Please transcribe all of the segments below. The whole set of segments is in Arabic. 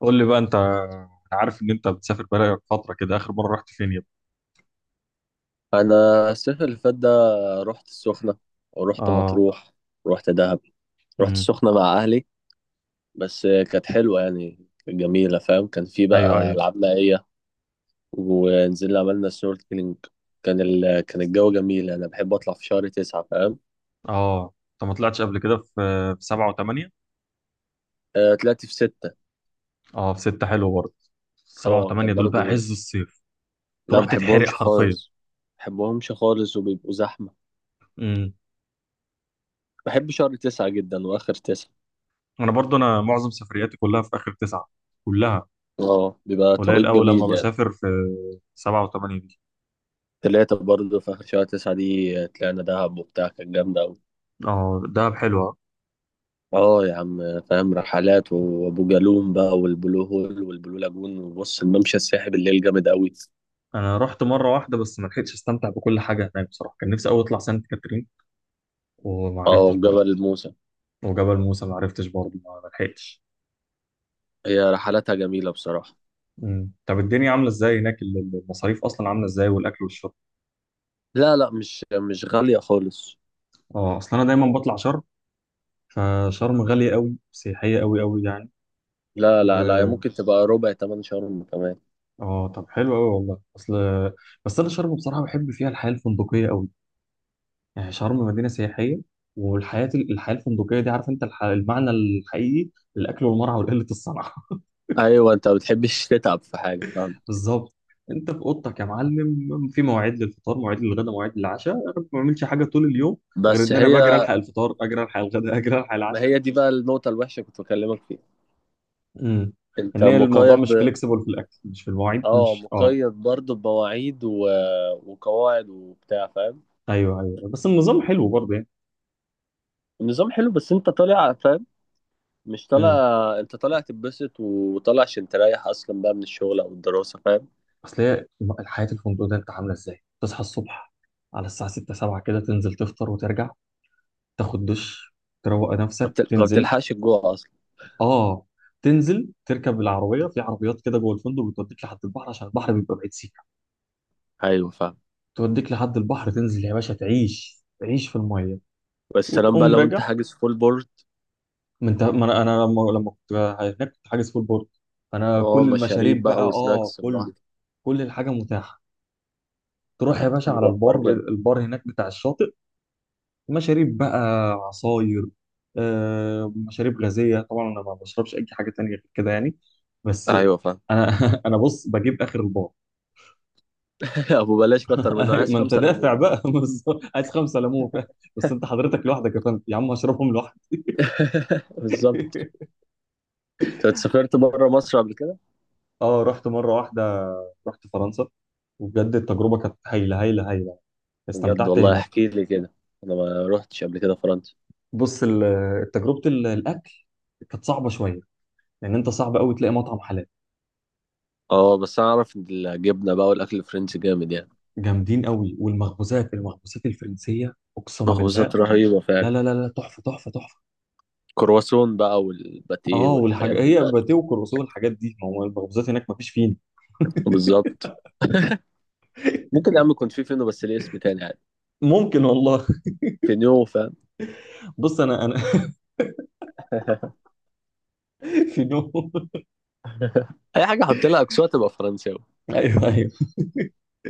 قول لي بقى، انت، انا عارف ان انت بتسافر بقالك فتره كده. اخر مره رحت فين يابا؟ انا. الصيف اللي فات ده رحت السخنه، ورحت اه. مطروح، ورحت دهب. رحت امم. السخنه مع اهلي، بس كانت حلوه يعني، كانت جميله فاهم، كان في ايوه، بقى ايوه. العاب مائيه. ونزلنا عملنا سنوركلينج. كان الجو جميل، انا بحب اطلع في شهر 9 فاهم. اه، انت ما طلعتش قبل كده في سبعه وثمانيه؟ آه، طلعت في 6. اه، في سته حلو برضه. سبعه اه، كان وثمانيه دول بقى برضو. عز الصيف. لا، تروح ما تتحرق بحبهمش حرفيا. خالص. ما بحبهمش خالص وبيبقوا زحمه. امم. بحب شهر 9 جدا، واخر 9. انا برضه، انا معظم سفرياتي كلها في اخر تسعه، كلها. اه، بيبقى توقيت قليل قوي لما جميل يعني. بسافر في سبعه وثمانيه دي. تلاتة برضه في آخر شهر 9 دي طلعنا دهب وبتاع، كانت جامدة أوي. اه، دهب حلوه. اه يا عم فاهم، رحلات وأبو جالوم بقى، والبلو هول والبلو لاجون، وبص الممشى الساحب الليل جامد أوي. انا رحت مره واحده بس ما لحقتش استمتع بكل حاجه هناك بصراحه. كان نفسي قوي اطلع سانت كاترين وما اه، عرفتش برضه. وجبل الموسى. وجبل موسى ما عرفتش برضه، ما لحقتش. هي رحلاتها جميلة بصراحة. مم. طب الدنيا عامله ازاي هناك؟ المصاريف اصلا عامله ازاي؟ والاكل والشرب؟ لا، لا، مش غالية خالص. اه، اصل انا دايما بطلع شرم، فشرم غاليه قوي، سياحيه قوي قوي يعني. لا، و... لا، لا، هي ممكن تبقى ربع تمن شهر كمان. اه، طب حلو قوي والله. اصل بس انا شرم بصراحه بحب فيها الحياه الفندقيه قوي. يعني شرم مدينه سياحيه. والحياه الحياه الفندقيه دي، عارف انت المعنى الحقيقي للاكل والمرعى وقله الصنعه. أيوة، أنت ما بتحبش تتعب في حاجة فاهم. بالظبط. انت في اوضتك يا معلم، في مواعيد للفطار، مواعيد للغداء، مواعيد للعشاء. انا ما بعملش حاجه طول اليوم غير بس ان انا بجري هي الحق الفطار، اجري الحق الغداء، اجري الحق ما العشاء. هي دي بقى النقطة الوحشة كنت بكلمك فيها. امم. أنت ان هي الموضوع مش مقيد. فليكسيبل في الاكل، مش في المواعيد، اه، مش. اه مقيد برضه بمواعيد وقواعد وبتاع فاهم. ايوه، ايوه، بس النظام حلو برضه يعني. النظام حلو، بس انت طالع فاهم، مش طالع. امم. انت طالع تتبسط، وطالع عشان تريح اصلا بقى من الشغل او الدراسه فاهم. اصل هي الحياه الفندق ده، انت عامله ازاي؟ تصحى الصبح على الساعه 6 7 كده، تنزل تفطر وترجع، تاخد دش، تروق نفسك ما تنزل. بتلحقش الجوع اصلا. اه. تنزل تركب العربيه، في عربيات كده جوه الفندق بتوديك لحد البحر عشان البحر بيبقى بعيد سيك. ايوه فاهم. توديك لحد البحر، تنزل يا باشا، تعيش تعيش في الميه بس سلام بقى وتقوم لو انت راجع. حاجز فول بورد. ما أنا لما كنت هناك كنت حاجز فول بورد، فانا اه، كل مشاريب المشاريب بقى، بقى وسناكس كله. براحتك. كل الحاجه متاحه. تروح يا باشا على بيبقى الحوار البار جامد. البار هناك بتاع الشاطئ. مشاريب بقى، عصاير، مشاريب غازيه طبعا. انا ما بشربش اي حاجه تانية غير كده يعني. بس ايوه فاهم. انا انا بص بجيب اخر البار. ابو بلاش كتر منه، عايز ما انت خمسه دافع ليمون. بقى. بس عايز خمسه ليمون. بس انت حضرتك لوحدك يا فندم؟ يا عم هشربهم لوحدي. بالظبط. انت سافرت بره مصر قبل كده؟ اه، رحت مره واحده، رحت فرنسا. وبجد التجربه كانت هايله هايله هايله. بجد استمتعت والله، هناك. احكي لي كده. انا ما روحتش قبل كده فرنسا. بص، تجربه الاكل كانت صعبه شويه لان انت صعب قوي تلاقي مطعم حلال. اه، بس اعرف ان الجبنه بقى والاكل الفرنسي جامد يعني. جامدين قوي. والمخبوزات، المخبوزات الفرنسيه اقسم بالله. مخبوزات رهيبه فعلا. لا لا لا لا، تحفه تحفه تحفه. كرواسون بقى والباتيه اه، والحاجات والحاجه دي هي باتيه فعلا. وكروسيه والحاجات دي. ما هو المخبوزات هناك ما فيش فين. بالظبط. ممكن يا عم يكون في فينو، بس ليه اسم تاني يعني. ممكن والله. فينو فاهم. بص انا في نوم. اي حاجه حط لها اكسوات تبقى فرنساوي. ايوه، ايوه.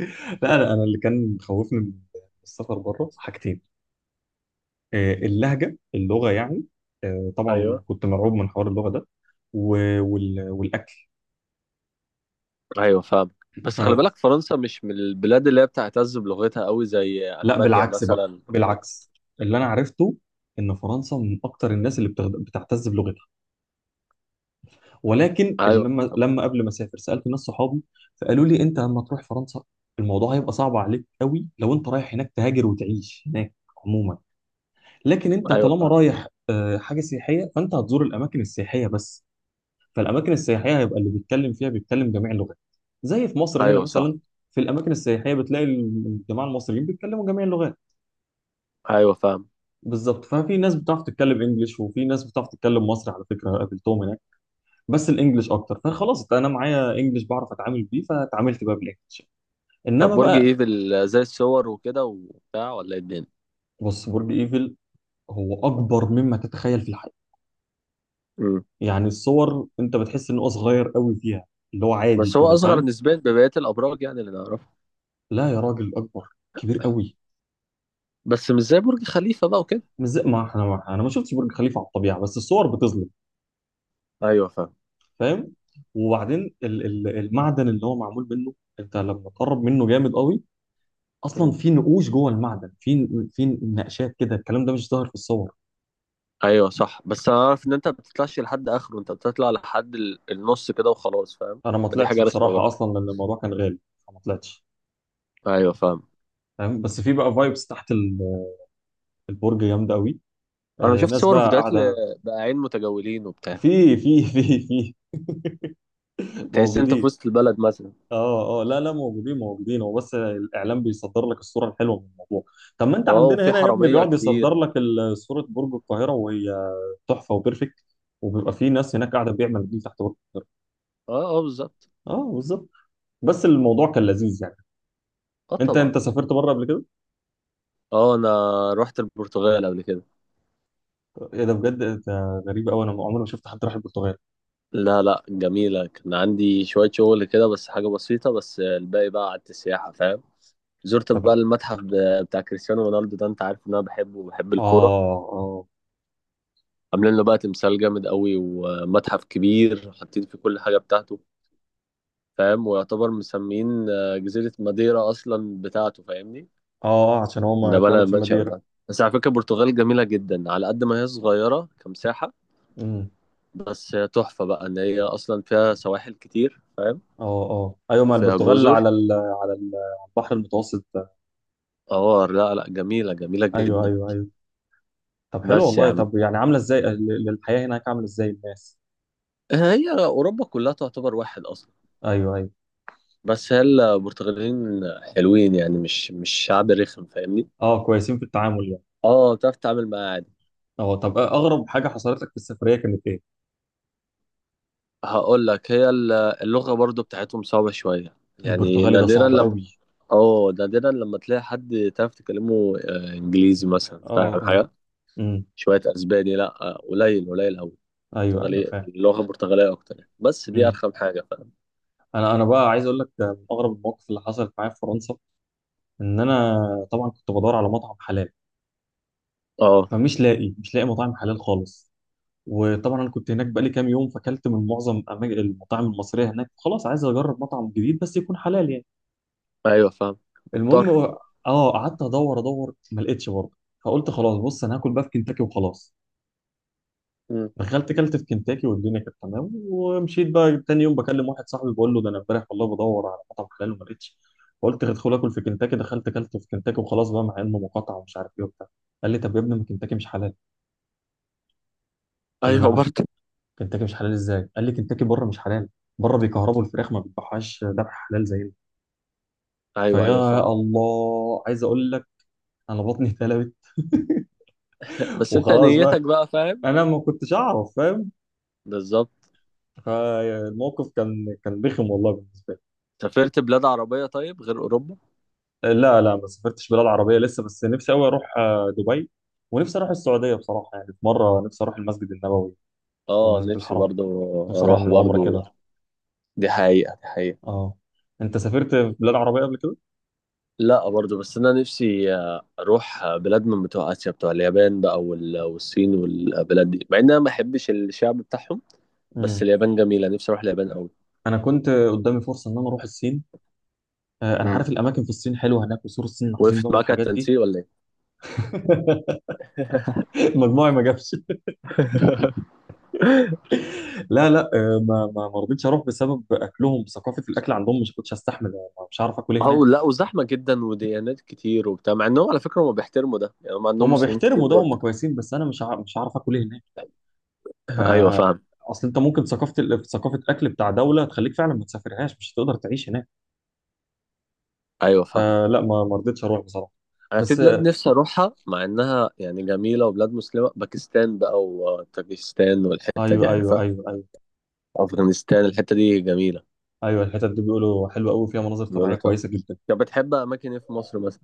لا لا، انا اللي كان خوفني من السفر بره حاجتين. اللغه يعني. طبعا ايوه، كنت مرعوب من حوار اللغه ده. والاكل. ايوه، فاهم. بس خلي فلا، بالك، فرنسا مش من البلاد اللي هي بتعتز بلغتها قوي، زي المانيا بالعكس بقى، مثلا وكده. بالعكس. اللي انا عرفته ان فرنسا من اكتر الناس اللي بتعتز بلغتها. ولكن ايوه، لما طب. لما قبل ما اسافر سالت ناس صحابي، فقالوا لي: انت لما تروح فرنسا الموضوع هيبقى صعب عليك قوي لو انت رايح هناك تهاجر وتعيش هناك عموما، لكن انت ايوه طالما فاهم. رايح حاجه سياحيه فانت هتزور الاماكن السياحيه بس. فالاماكن السياحيه هيبقى اللي بيتكلم فيها بيتكلم جميع اللغات، زي في مصر هنا ايوه صح. مثلا. في الاماكن السياحيه بتلاقي الجماعه المصريين بيتكلموا جميع اللغات. ايوه فاهم. بالظبط. ففي ناس بتعرف تتكلم انجليش وفي ناس بتعرف تتكلم مصري، على فكره قابلتهم هناك. بس الانجليش اكتر، فخلاص انا معايا انجليش، بعرف اتعامل بيه، فاتعاملت بقى بالانجليش. طب انما برج بقى. ايفل زي الصور وكده وبتاع، ولا ايه الدنيا؟ بص، برج ايفل هو اكبر مما تتخيل في الحياه. يعني الصور انت بتحس ان هو صغير قوي فيها، اللي هو بس عادي هو كده اصغر فاهم. نسبيا ببقيه الابراج يعني، اللي نعرفها. لا يا راجل، اكبر، كبير قوي. بس مش زي برج خليفه بقى وكده. مش زي ما احنا، انا ما شفتش برج خليفه على الطبيعه بس الصور بتظلم، ايوه فاهم. فاهم. وبعدين ال المعدن اللي هو معمول منه، انت لما تقرب منه جامد قوي. اصلا مم. في نقوش جوه المعدن، في نقشات كده. الكلام ده مش ظاهر في الصور. ايوه صح، بس انا عارف ان انت ما بتطلعش لحد اخره، انت بتطلع لحد النص كده وخلاص فاهم. انا ما ما دي طلعتش حاجه رخمه بصراحه برضه. اصلا لان الموضوع كان غالي، فما طلعتش ايوه فاهم. فاهم. بس في بقى فايبس تحت البرج جامده قوي. انا شفت ناس صور بقى وفيديوهات قاعده. لبقاعين متجولين وبتاع. في تحس انت في موجودين. وسط البلد مثلا. اه، اه، لا لا، موجودين موجودين. هو بس الاعلام بيصدر لك الصوره الحلوه من الموضوع. طب ما انت اه، وفي عندنا هنا يا ابني، حراميه بيقعد كتير يصدر و... لك صوره برج القاهره وهي تحفه وبيرفكت، وبيبقى في ناس هناك قاعده بيعمل دي تحت برج. اه، اه، بالظبط. اه، بالظبط. بس الموضوع كان لذيذ يعني. اه انت طبعا. انت سافرت بره قبل كده؟ اه، انا رحت البرتغال قبل كده. ايه ده، بجد؟ ده غريب قوي، انا عمري ما شفت حد راح البرتغال. لا، لا، جميلة، كان عندي شوية شغل كده بس، حاجة بسيطة، بس الباقي بقى قعدت السياحة فاهم. زرت بقى طب. المتحف بتاع كريستيانو رونالدو ده، انت عارف ان انا بحبه وبحب اه، الكورة. اه. عاملين له بقى تمثال جامد قوي، ومتحف كبير حاطين فيه كل حاجة بتاعته. فاهم، ويعتبر مسمين جزيرة ماديرا اصلا بتاعته فاهمني. اه، عشان هو ما ده بقى اتولد في المنشأ ماديرا. بتاعته، بس على فكرة البرتغال جميلة جدا على قد ما هي صغيرة كمساحة. امم. بس هي تحفة بقى، ان هي اصلا فيها سواحل كتير فاهم. اه، اه، ايوه، ما وفيها البرتغال جزر. على على البحر المتوسط. اه، لا، لا، جميلة جميلة ايوه، جدا. ايوه، ايوه. طب حلو بس يا والله. عم، طب يعني عامله ازاي الحياه هناك؟ عامله ازاي الناس؟ هي أوروبا كلها تعتبر واحد أصلا. ايوه، ايوه. بس هي البرتغاليين حلوين يعني، مش شعب رخم فاهمني. اه، كويسين في التعامل يعني. اه، بتعرف تتعامل معاه عادي. اه، طب اغرب حاجه حصلت لك في السفريه كانت ايه؟ هقول لك، هي اللغة برضو بتاعتهم صعبة شوية يعني، البرتغالي ده نادرا صعب لما قوي. اه نادرا لما تلاقي حد تعرف تكلمه إنجليزي مثلا، اه، فاهم اه. حاجة. امم. شوية أسباني، لا، قليل قليل أوي. ايوه، ايوه برتغالي، فاهم. اللغة البرتغالية أكتر يعني. بس دي امم. أرخم حاجة فاهم. انا بقى عايز اقول لك ده من اغرب المواقف اللي حصلت معايا في فرنسا. ان انا طبعا كنت بدور على مطعم حلال، اه، فمش لاقي مش لاقي مطاعم حلال خالص. وطبعا انا كنت هناك بقالي كام يوم، فاكلت من معظم المطاعم المصريه هناك. خلاص، عايز اجرب مطعم جديد بس يكون حلال يعني. أيوه فاهم. المهم، مضطر. اه، قعدت ادور ادور ما لقيتش برضه. فقلت خلاص بص، انا هاكل بقى في كنتاكي وخلاص. دخلت كلت في كنتاكي والدنيا كانت تمام ومشيت. بقى تاني يوم بكلم واحد صاحبي، بقول له: ده انا امبارح والله بدور على مطعم حلال وما لقيتش، فقلت هدخل اكل في كنتاكي، دخلت كلت في كنتاكي وخلاص بقى، مع انه مقاطعه ومش عارف ايه وبتاع. قال لي: طب يا ابني ما كنتاكي مش حلال. قلت له: ايوه نعم؟ برضه. كنتاكي مش حلال ازاي؟ قال لي: كنتاكي بره مش حلال. بره بيكهربوا الفراخ، ما بيذبحوهاش ذبح حلال زينا. ايوه، ايوه، فيا فاهم. الله، عايز اقول لك انا بطني اتقلبت. بس انت وخلاص بقى، نيتك بقى فاهم. انا ما كنتش اعرف فاهم. بالظبط. فالموقف كان بخم والله بالنسبه سافرت بلاد عربية طيب، غير اوروبا؟ لي. لا لا، ما سافرتش بلاد عربيه لسه، بس نفسي قوي اروح دبي، ونفسي اروح السعوديه بصراحه. يعني في مره نفسي اروح المسجد النبوي اه، والمسجد نفسي الحرام. برضه. نفسي اروح اروح اعمل عمره برضه. كده. دي حقيقة، دي حقيقة. اه. انت سافرت بلاد عربيه قبل كده؟ لا، برضه، بس انا نفسي اروح بلاد من بتوع اسيا، بتوع اليابان بقى والصين والبلاد دي، مع ان انا ما بحبش الشعب بتاعهم. بس امم. اليابان جميلة، نفسي اروح اليابان قوي. انا كنت قدامي فرصه ان انا اروح الصين. انا امم عارف الاماكن في الصين حلوه هناك، وسور الصين العظيم وقفت بقى معاك على والحاجات دي. التنسيق ولا ايه؟ مجموعي ما جابش. لا لا، ما رضيتش اروح بسبب اكلهم. ثقافه الاكل عندهم مش كنتش هستحمل. مش عارف اكل إيه هناك. اه، لا، وزحمة جدا وديانات كتير وبتاع، مع انهم على فكرة هم بيحترموا ده يعني، هم عندهم هم مسلمين كتير بيحترموا ده، هم برضه. كويسين، بس انا مش عارف اكل إيه هناك. ف. ايوه فاهم. اصل انت ممكن ثقافه ثقافه اكل بتاع دوله تخليك فعلا ما تسافرهاش، مش هتقدر تعيش هناك. ايوه فاهم. فلا، ما رضيتش اروح بصراحه. انا في بس بلاد نفسي اروحها، مع انها يعني جميله وبلاد مسلمه، باكستان بقى وطاجيكستان والحته دي ايوه، ايوه، عارفها. ايوه، ايوه. افغانستان الحته دي جميله. ايوه، الحتت دي بيقولوا حلوه قوي، فيها مناظر بيقولوا طبيعيه تحفة. كويسه جدا. طب بتحب اماكن ايه في مصر مثلا؟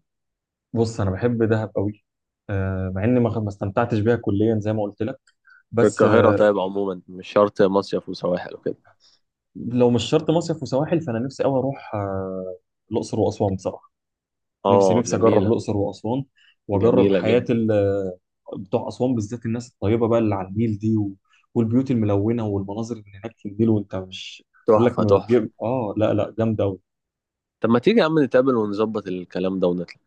بص انا بحب دهب قوي. مع اني ما استمتعتش بيها كليا زي ما قلت لك. بس القاهره طيب، عموما مش شرط مصيف وسواحل وكده. لو مش شرط مصيف وسواحل فانا نفسي قوي اروح الاقصر واسوان بصراحه. نفسي اه نفسي اجرب جميله. الاقصر واسوان. واجرب جميله حياه جدا. بتوع اسوان بالذات، الناس الطيبه بقى اللي على النيل دي و... والبيوت الملونه والمناظر اللي هناك في النيل. وانت مش بقول لك، تحفه، ما تحفه. بتجيب لا لا، جامده قوي. طب ما تيجي يا عم نتقابل ونظبط الكلام ده ونطلع.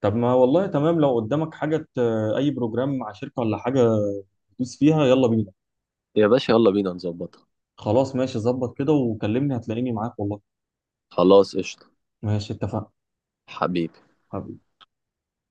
طب ما والله تمام، لو قدامك حاجه اي بروجرام مع شركه ولا حاجه تدوس فيها، يلا بينا. يا باشا، يلا بينا نظبطها. خلاص ماشي، ظبط كده وكلمني هتلاقيني معاك والله. خلاص، قشطه. ماشي اتفقنا. حبيبي. حبيبي.